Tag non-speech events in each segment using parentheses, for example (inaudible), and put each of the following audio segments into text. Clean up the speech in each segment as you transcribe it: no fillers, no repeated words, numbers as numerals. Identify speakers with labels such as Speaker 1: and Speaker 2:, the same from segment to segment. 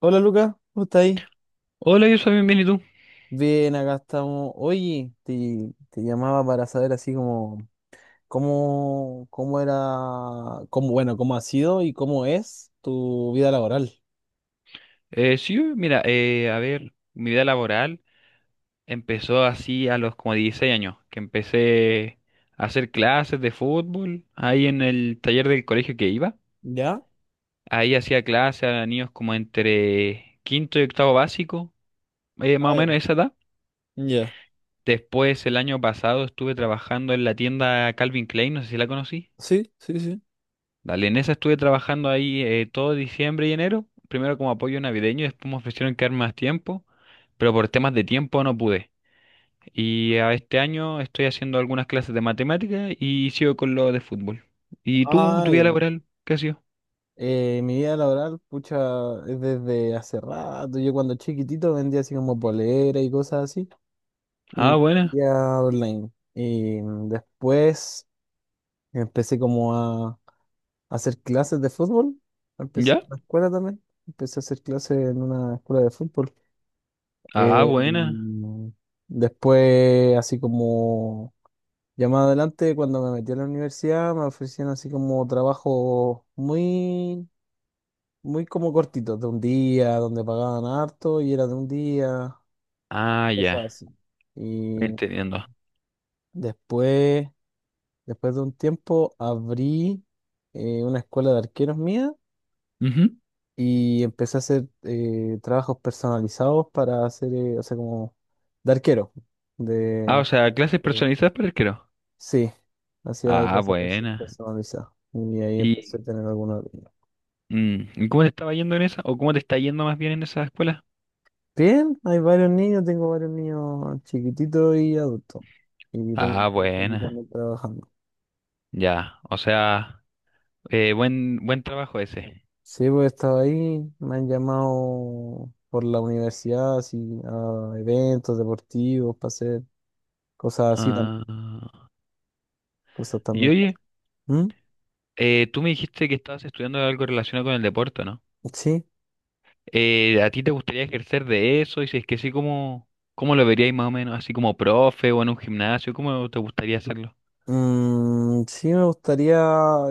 Speaker 1: Hola Lucas, ¿cómo estás ahí?
Speaker 2: Hola, yo soy bienvenido.
Speaker 1: Bien, acá estamos. Oye, te llamaba para saber así como cómo, cómo era, bueno, cómo ha sido y cómo es tu vida laboral.
Speaker 2: Sí, mira, a ver, mi vida laboral empezó así a los como 16 años, que empecé a hacer clases de fútbol ahí en el taller del colegio que iba.
Speaker 1: ¿Ya?
Speaker 2: Ahí hacía clases a niños como entre quinto y octavo básico, más o
Speaker 1: Ah, ya.
Speaker 2: menos esa edad.
Speaker 1: Ya.
Speaker 2: Después, el año pasado estuve trabajando en la tienda Calvin Klein, no sé si la conocí.
Speaker 1: Sí, sí, sí.
Speaker 2: Dale, en esa estuve trabajando ahí todo diciembre y enero, primero como apoyo navideño, después me ofrecieron quedar más tiempo, pero por temas de tiempo no pude. Y a este año estoy haciendo algunas clases de matemática y sigo con lo de fútbol. ¿Y tú cómo
Speaker 1: Ah,
Speaker 2: tu vida
Speaker 1: ya.
Speaker 2: laboral? ¿Qué ha sido?
Speaker 1: Mi vida laboral, pucha, es desde hace rato. Yo cuando chiquitito vendía así como polera y cosas así. Y
Speaker 2: Ah, buena.
Speaker 1: vendía online. Y después empecé como a hacer clases de fútbol. Empecé
Speaker 2: ¿Ya?
Speaker 1: en la escuela también. Empecé a hacer clases en una escuela de fútbol.
Speaker 2: Ah,
Speaker 1: Eh,
Speaker 2: buena.
Speaker 1: después, así como ya más adelante, cuando me metí a la universidad, me ofrecían así como trabajos muy como cortitos, de un día, donde pagaban harto y era de un día,
Speaker 2: Ah, ya.
Speaker 1: cosas así. Y
Speaker 2: Entendiendo.
Speaker 1: después, después de un tiempo, abrí una escuela de arqueros mía
Speaker 2: Ujú.
Speaker 1: y empecé a hacer trabajos personalizados para hacer, o sea, como de arquero.
Speaker 2: Ah, o
Speaker 1: De,
Speaker 2: sea, clases
Speaker 1: Pero-
Speaker 2: personalizadas para arquero.
Speaker 1: sí, hacía
Speaker 2: Ah,
Speaker 1: clases
Speaker 2: buena.
Speaker 1: personalizadas. Y ahí empecé a
Speaker 2: ¿Y,
Speaker 1: tener algunos niños.
Speaker 2: ¿y cómo te estaba yendo en esa? ¿O cómo te está yendo más bien en esa escuela?
Speaker 1: Bien, hay varios niños, tengo varios niños chiquititos y adultos. Y tengo un
Speaker 2: Ah,
Speaker 1: par que
Speaker 2: buena.
Speaker 1: también trabajando.
Speaker 2: Ya, o sea, buen trabajo ese.
Speaker 1: Sí, pues he estado ahí, me han llamado por la universidad, así, a eventos deportivos, para hacer cosas así,
Speaker 2: Ah,
Speaker 1: cosas
Speaker 2: y
Speaker 1: también.
Speaker 2: oye,
Speaker 1: ¿Mm?
Speaker 2: tú me dijiste que estabas estudiando algo relacionado con el deporte, ¿no?
Speaker 1: Sí.
Speaker 2: ¿A ti te gustaría ejercer de eso? Y si es que sí, ¿cómo lo verías más o menos? ¿Así como profe o en un gimnasio? ¿Cómo te gustaría hacerlo?
Speaker 1: Mm, sí, me gustaría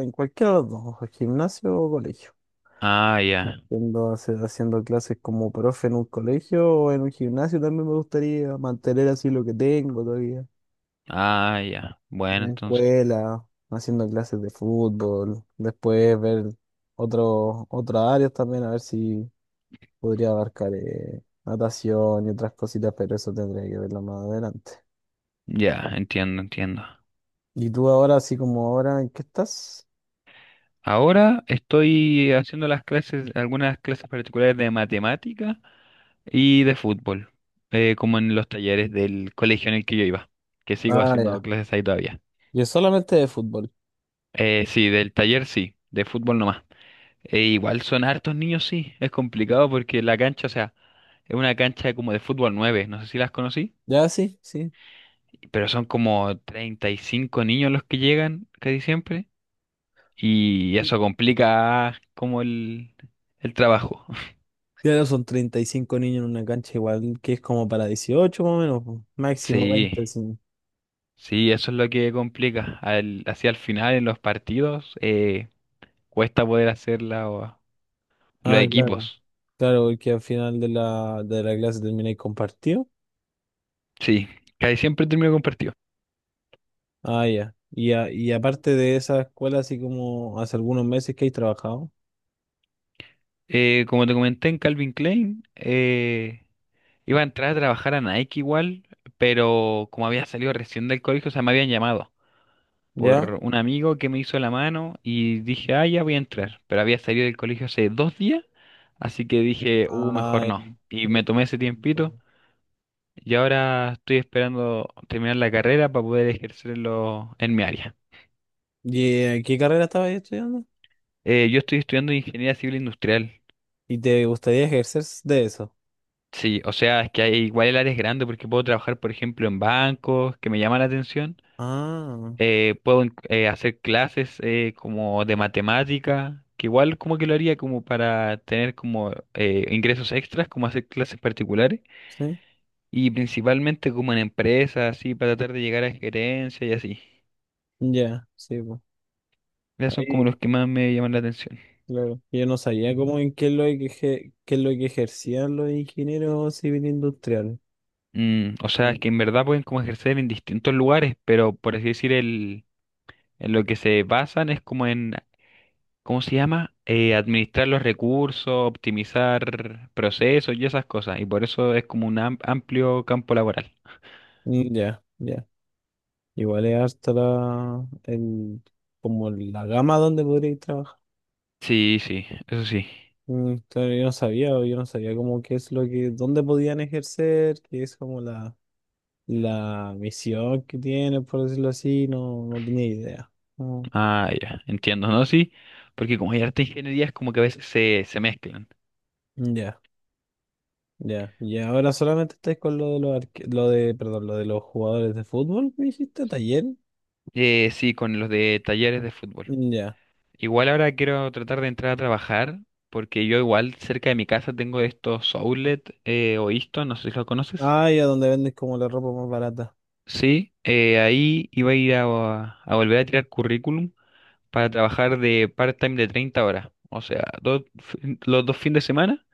Speaker 1: en cualquiera de los dos, o gimnasio o colegio.
Speaker 2: Ah, ya,
Speaker 1: Siendo, haciendo clases como profe en un colegio o en un gimnasio también me gustaría mantener así lo que tengo todavía.
Speaker 2: ah, ya.
Speaker 1: En
Speaker 2: Bueno,
Speaker 1: la
Speaker 2: entonces,
Speaker 1: escuela, haciendo clases de fútbol, después ver otros otras áreas también, a ver si podría abarcar natación y otras cositas, pero eso tendría que verlo más adelante.
Speaker 2: ya, entiendo, entiendo.
Speaker 1: ¿Y tú ahora, así como ahora, en qué estás?
Speaker 2: Ahora estoy haciendo las clases, algunas clases particulares de matemática y de fútbol, como en los talleres del colegio en el que yo iba, que sigo
Speaker 1: Ah,
Speaker 2: haciendo
Speaker 1: ya.
Speaker 2: clases ahí todavía.
Speaker 1: Yo solamente de fútbol.
Speaker 2: Sí, del taller sí, de fútbol nomás. E igual son hartos niños, sí, es complicado porque la cancha, o sea, es una cancha como de fútbol 9. No sé si las conocí,
Speaker 1: Ya, sí, sí.
Speaker 2: pero son como 35 niños los que llegan casi siempre y eso complica como el trabajo.
Speaker 1: Claro, son 35 niños en una cancha igual que es como para 18 más o menos, po. Máximo
Speaker 2: Sí,
Speaker 1: 20, sí.
Speaker 2: sí, eso es lo que complica. Hacia el final en los partidos cuesta poder hacerla los
Speaker 1: Ah, claro,
Speaker 2: equipos.
Speaker 1: claro, porque al final de la clase termináis compartido.
Speaker 2: Sí, casi siempre termino con partido.
Speaker 1: Ah, ya. Y, y aparte de esa escuela, así como hace algunos meses que he trabajado,
Speaker 2: Como te comenté en Calvin Klein, iba a entrar a trabajar a Nike igual, pero como había salido recién del colegio, o sea, me habían llamado
Speaker 1: ¿ya?
Speaker 2: por un amigo que me hizo la mano y dije, ah, ya voy a entrar, pero había salido del colegio hace 2 días, así que dije,
Speaker 1: Ah,
Speaker 2: mejor
Speaker 1: ya.
Speaker 2: no. Y me
Speaker 1: (laughs)
Speaker 2: tomé ese tiempito. Y ahora estoy esperando terminar la carrera para poder ejercerlo en mi área.
Speaker 1: Y ¿qué carrera estabas estudiando?
Speaker 2: Yo estoy estudiando ingeniería civil industrial.
Speaker 1: ¿Y te gustaría ejercer de eso?
Speaker 2: Sí, o sea, es que igual el área es grande porque puedo trabajar, por ejemplo, en bancos, que me llama la atención.
Speaker 1: Ah,
Speaker 2: Puedo hacer clases como de matemática, que igual como que lo haría como para tener como ingresos extras, como hacer clases particulares.
Speaker 1: sí.
Speaker 2: Y principalmente como en empresas, así, para tratar de llegar a gerencia y así.
Speaker 1: Ya, sí, pues.
Speaker 2: Esos son como los que más me llaman la atención.
Speaker 1: Claro. Yo no sabía cómo en qué es lo que, qué es lo que ejercían los ingenieros civiles industriales.
Speaker 2: Mm, o sea, es
Speaker 1: Mm.
Speaker 2: que en verdad pueden como ejercer en distintos lugares, pero por así decir, en lo que se basan es como en, ¿cómo se llama? Administrar los recursos, optimizar procesos y esas cosas. Y por eso es como un amplio campo laboral.
Speaker 1: Mm, ya, ya. Igual es harta como la gama donde podríais trabajar.
Speaker 2: Sí, sí, eso sí.
Speaker 1: Mm, claro, yo no sabía cómo qué es lo que, dónde podían ejercer, qué es como la misión que tienen, por decirlo así, no, no tenía idea. Mm,
Speaker 2: Ah, ya, entiendo, ¿no? Sí, porque como hay arte e ingeniería, es como que a veces se mezclan.
Speaker 1: ya, ya. Y ahora solamente estáis con lo de los perdón, lo de los jugadores de fútbol, me dijiste, taller.
Speaker 2: Sí, con los de talleres de fútbol.
Speaker 1: Ya.
Speaker 2: Igual ahora quiero tratar de entrar a trabajar, porque yo igual cerca de mi casa tengo estos outlet o Isto, no sé si lo conoces.
Speaker 1: Ah, ya, donde venden como la ropa más barata.
Speaker 2: Sí, ahí iba a ir a, volver a tirar currículum para trabajar de part-time de 30 horas, o sea, los dos fines de semana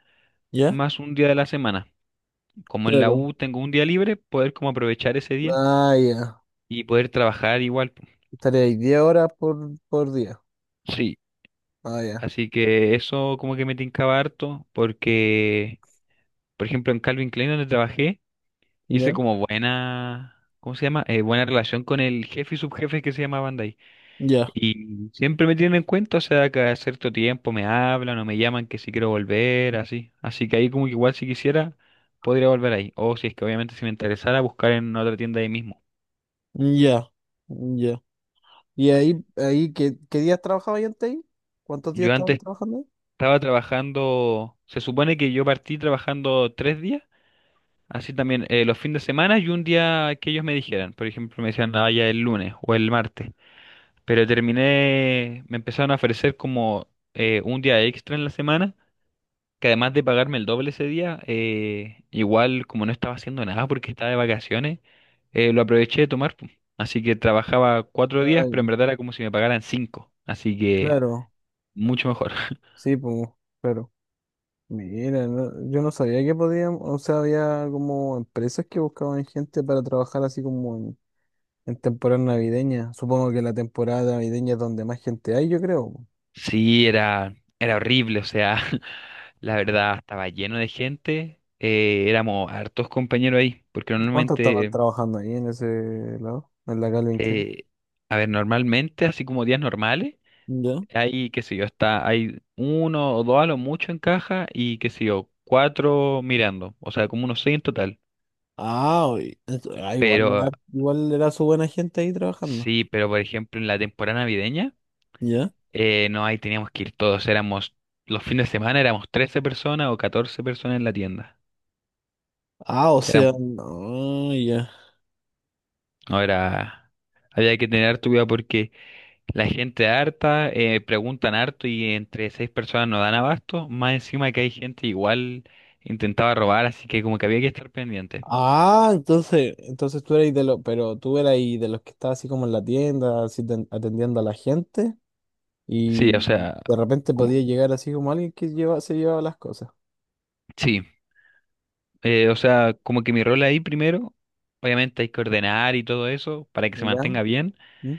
Speaker 1: ¿Ya?
Speaker 2: más un día de la semana. Como en la
Speaker 1: Claro.
Speaker 2: U tengo un día libre, poder como aprovechar ese día
Speaker 1: Ah, ya.
Speaker 2: y poder trabajar igual. Po.
Speaker 1: Estaría ahí 10 horas por día.
Speaker 2: Sí,
Speaker 1: Ah, ya.
Speaker 2: así que eso como que me tincaba harto porque, por ejemplo, en Calvin Klein donde trabajé, hice
Speaker 1: Ya.
Speaker 2: como buena, ¿cómo se llama? Buena relación con el jefe y subjefe que se llama Bandai.
Speaker 1: Ya.
Speaker 2: Y siempre me tienen en cuenta, o sea, cada cierto tiempo me hablan o me llaman que si quiero volver, así. Así que ahí como que igual si quisiera, podría volver ahí. O si es que obviamente si me interesara, buscar en otra tienda ahí mismo.
Speaker 1: Ya. Ya. ¿Y ahí qué, qué días trabajaba yo antes ahí? ¿Cuántos días
Speaker 2: Yo
Speaker 1: estabas
Speaker 2: antes
Speaker 1: trabajando ahí?
Speaker 2: estaba trabajando, se supone que yo partí trabajando 3 días, así también los fines de semana y un día que ellos me dijeran. Por ejemplo, me decían, ah, ya el lunes o el martes. Pero terminé, me empezaron a ofrecer como un día extra en la semana, que además de pagarme el doble ese día, igual como no estaba haciendo nada porque estaba de vacaciones, lo aproveché de tomar. Po. Así que trabajaba 4 días,
Speaker 1: Ah,
Speaker 2: pero en verdad era como si me pagaran cinco. Así que
Speaker 1: claro.
Speaker 2: mucho mejor. (laughs)
Speaker 1: Sí, pues, claro. Mira, yo no sabía que podían, o sea, había como empresas que buscaban gente para trabajar así como en temporada navideña. Supongo que la temporada navideña es donde más gente hay, yo creo.
Speaker 2: Sí, era horrible, o sea, (laughs) la verdad estaba lleno de gente, éramos hartos compañeros ahí, porque
Speaker 1: ¿Cuánto estaban
Speaker 2: normalmente,
Speaker 1: trabajando ahí en ese lado? En la Calvin Klein.
Speaker 2: eh, a ver, normalmente, así como días normales.
Speaker 1: ¿Ya?
Speaker 2: Hay, qué sé yo, está, hay uno o dos a lo mucho en caja y qué sé yo, cuatro mirando, o sea, como unos seis en total.
Speaker 1: Ah, ah, igual,
Speaker 2: Pero
Speaker 1: igual era su buena gente ahí trabajando.
Speaker 2: sí, pero por ejemplo en la temporada navideña,
Speaker 1: ¿Ya?
Speaker 2: no, ahí teníamos que ir todos, éramos, los fines de semana éramos 13 personas o 14 personas en la tienda.
Speaker 1: Ah, o sea,
Speaker 2: Éramos,
Speaker 1: no, ya.
Speaker 2: no era, había que tener harto cuidado porque la gente harta, preguntan harto y entre seis personas no dan abasto, más encima que hay gente igual intentaba robar, así que como que había que estar pendiente.
Speaker 1: Ah, entonces tú eras de los, pero tú eras ahí de los que estaba así como en la tienda, así atendiendo a la gente, y
Speaker 2: Sí, o sea,
Speaker 1: de repente
Speaker 2: como,
Speaker 1: podía llegar así como alguien que lleva, se llevaba las cosas.
Speaker 2: sí, o sea, como que mi rol ahí primero, obviamente hay que ordenar y todo eso para que se
Speaker 1: ¿Ya?
Speaker 2: mantenga bien,
Speaker 1: ¿Mm?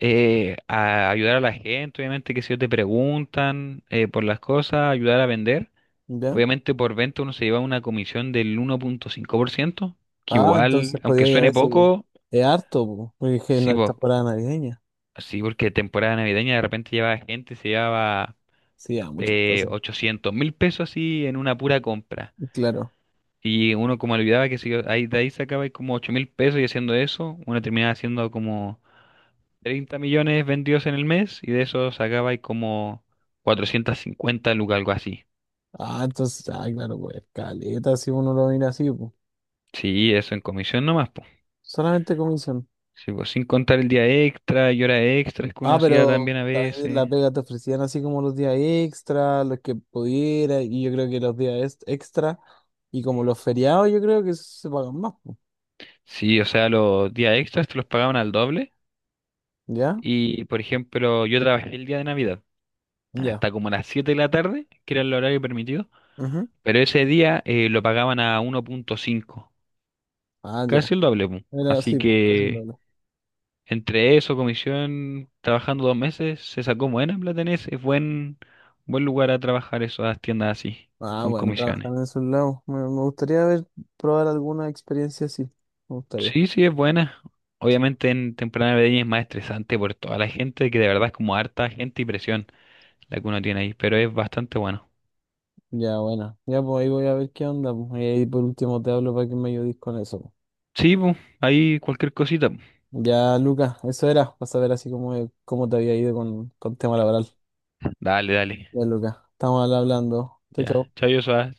Speaker 2: a ayudar a la gente, obviamente que si ellos te preguntan por las cosas, ayudar a vender,
Speaker 1: ¿Ya?
Speaker 2: obviamente por venta uno se lleva una comisión del 1,5%, que
Speaker 1: Ah,
Speaker 2: igual,
Speaker 1: entonces
Speaker 2: aunque
Speaker 1: podía ir a
Speaker 2: suene
Speaker 1: veces.
Speaker 2: poco,
Speaker 1: Es harto, po, porque es que no
Speaker 2: sí,
Speaker 1: está fuera navideña.
Speaker 2: sí, porque temporada navideña de repente lleva gente, se llevaba
Speaker 1: Sí, a muchas cosas.
Speaker 2: 800 mil pesos así en una pura compra.
Speaker 1: Claro.
Speaker 2: Y uno como olvidaba que si ahí, de ahí sacaba como 8.000 pesos y haciendo eso, uno terminaba haciendo como 30 millones vendidos en el mes y de eso sacaba ahí como 450 lucas, algo así.
Speaker 1: Ah, claro, pues, caleta, si uno lo mira así, pues.
Speaker 2: Sí, eso en comisión nomás, pues.
Speaker 1: Solamente comisión.
Speaker 2: Sí, pues sin contar el día extra y horas extras que uno
Speaker 1: Ah,
Speaker 2: hacía
Speaker 1: pero
Speaker 2: también a
Speaker 1: también la
Speaker 2: veces.
Speaker 1: pega te ofrecían así como los días extra, los que pudiera, y yo creo que los días extra, y como los feriados, yo creo que se pagan más, pues.
Speaker 2: Sí, o sea, los días extras te los pagaban al doble.
Speaker 1: ¿Ya?
Speaker 2: Y, por ejemplo, yo trabajé el día de Navidad
Speaker 1: Ya.
Speaker 2: hasta como las 7 de la tarde, que era el horario permitido,
Speaker 1: Ujú.
Speaker 2: pero ese día lo pagaban a 1,5
Speaker 1: Ah, ya.
Speaker 2: casi el doble. Pu.
Speaker 1: Era
Speaker 2: Así
Speaker 1: así, pues, casi un
Speaker 2: que
Speaker 1: doble.
Speaker 2: entre eso, comisión, trabajando 2 meses, se sacó buena plata en ese. Es buen lugar a trabajar esas tiendas así,
Speaker 1: Ah,
Speaker 2: con
Speaker 1: bueno, trabajar
Speaker 2: comisiones.
Speaker 1: en esos lados. Me gustaría ver, probar alguna experiencia así. Me gustaría.
Speaker 2: Sí, sí, es buena. Obviamente en temporada navideña es más estresante por toda la gente, que de verdad es como harta gente y presión la que uno tiene ahí, pero es bastante bueno.
Speaker 1: Ya, bueno. Ya, pues ahí voy a ver qué onda, pues. Y ahí por último te hablo para que me ayudes con eso, pues.
Speaker 2: Sí, pu, ahí cualquier cosita. Pu.
Speaker 1: Ya, Lucas, eso era, para saber así cómo te había ido con tema laboral.
Speaker 2: Dale, dale.
Speaker 1: Ya, Lucas, estamos hablando. Chau,
Speaker 2: Ya.
Speaker 1: chau.
Speaker 2: Chao, Yosa.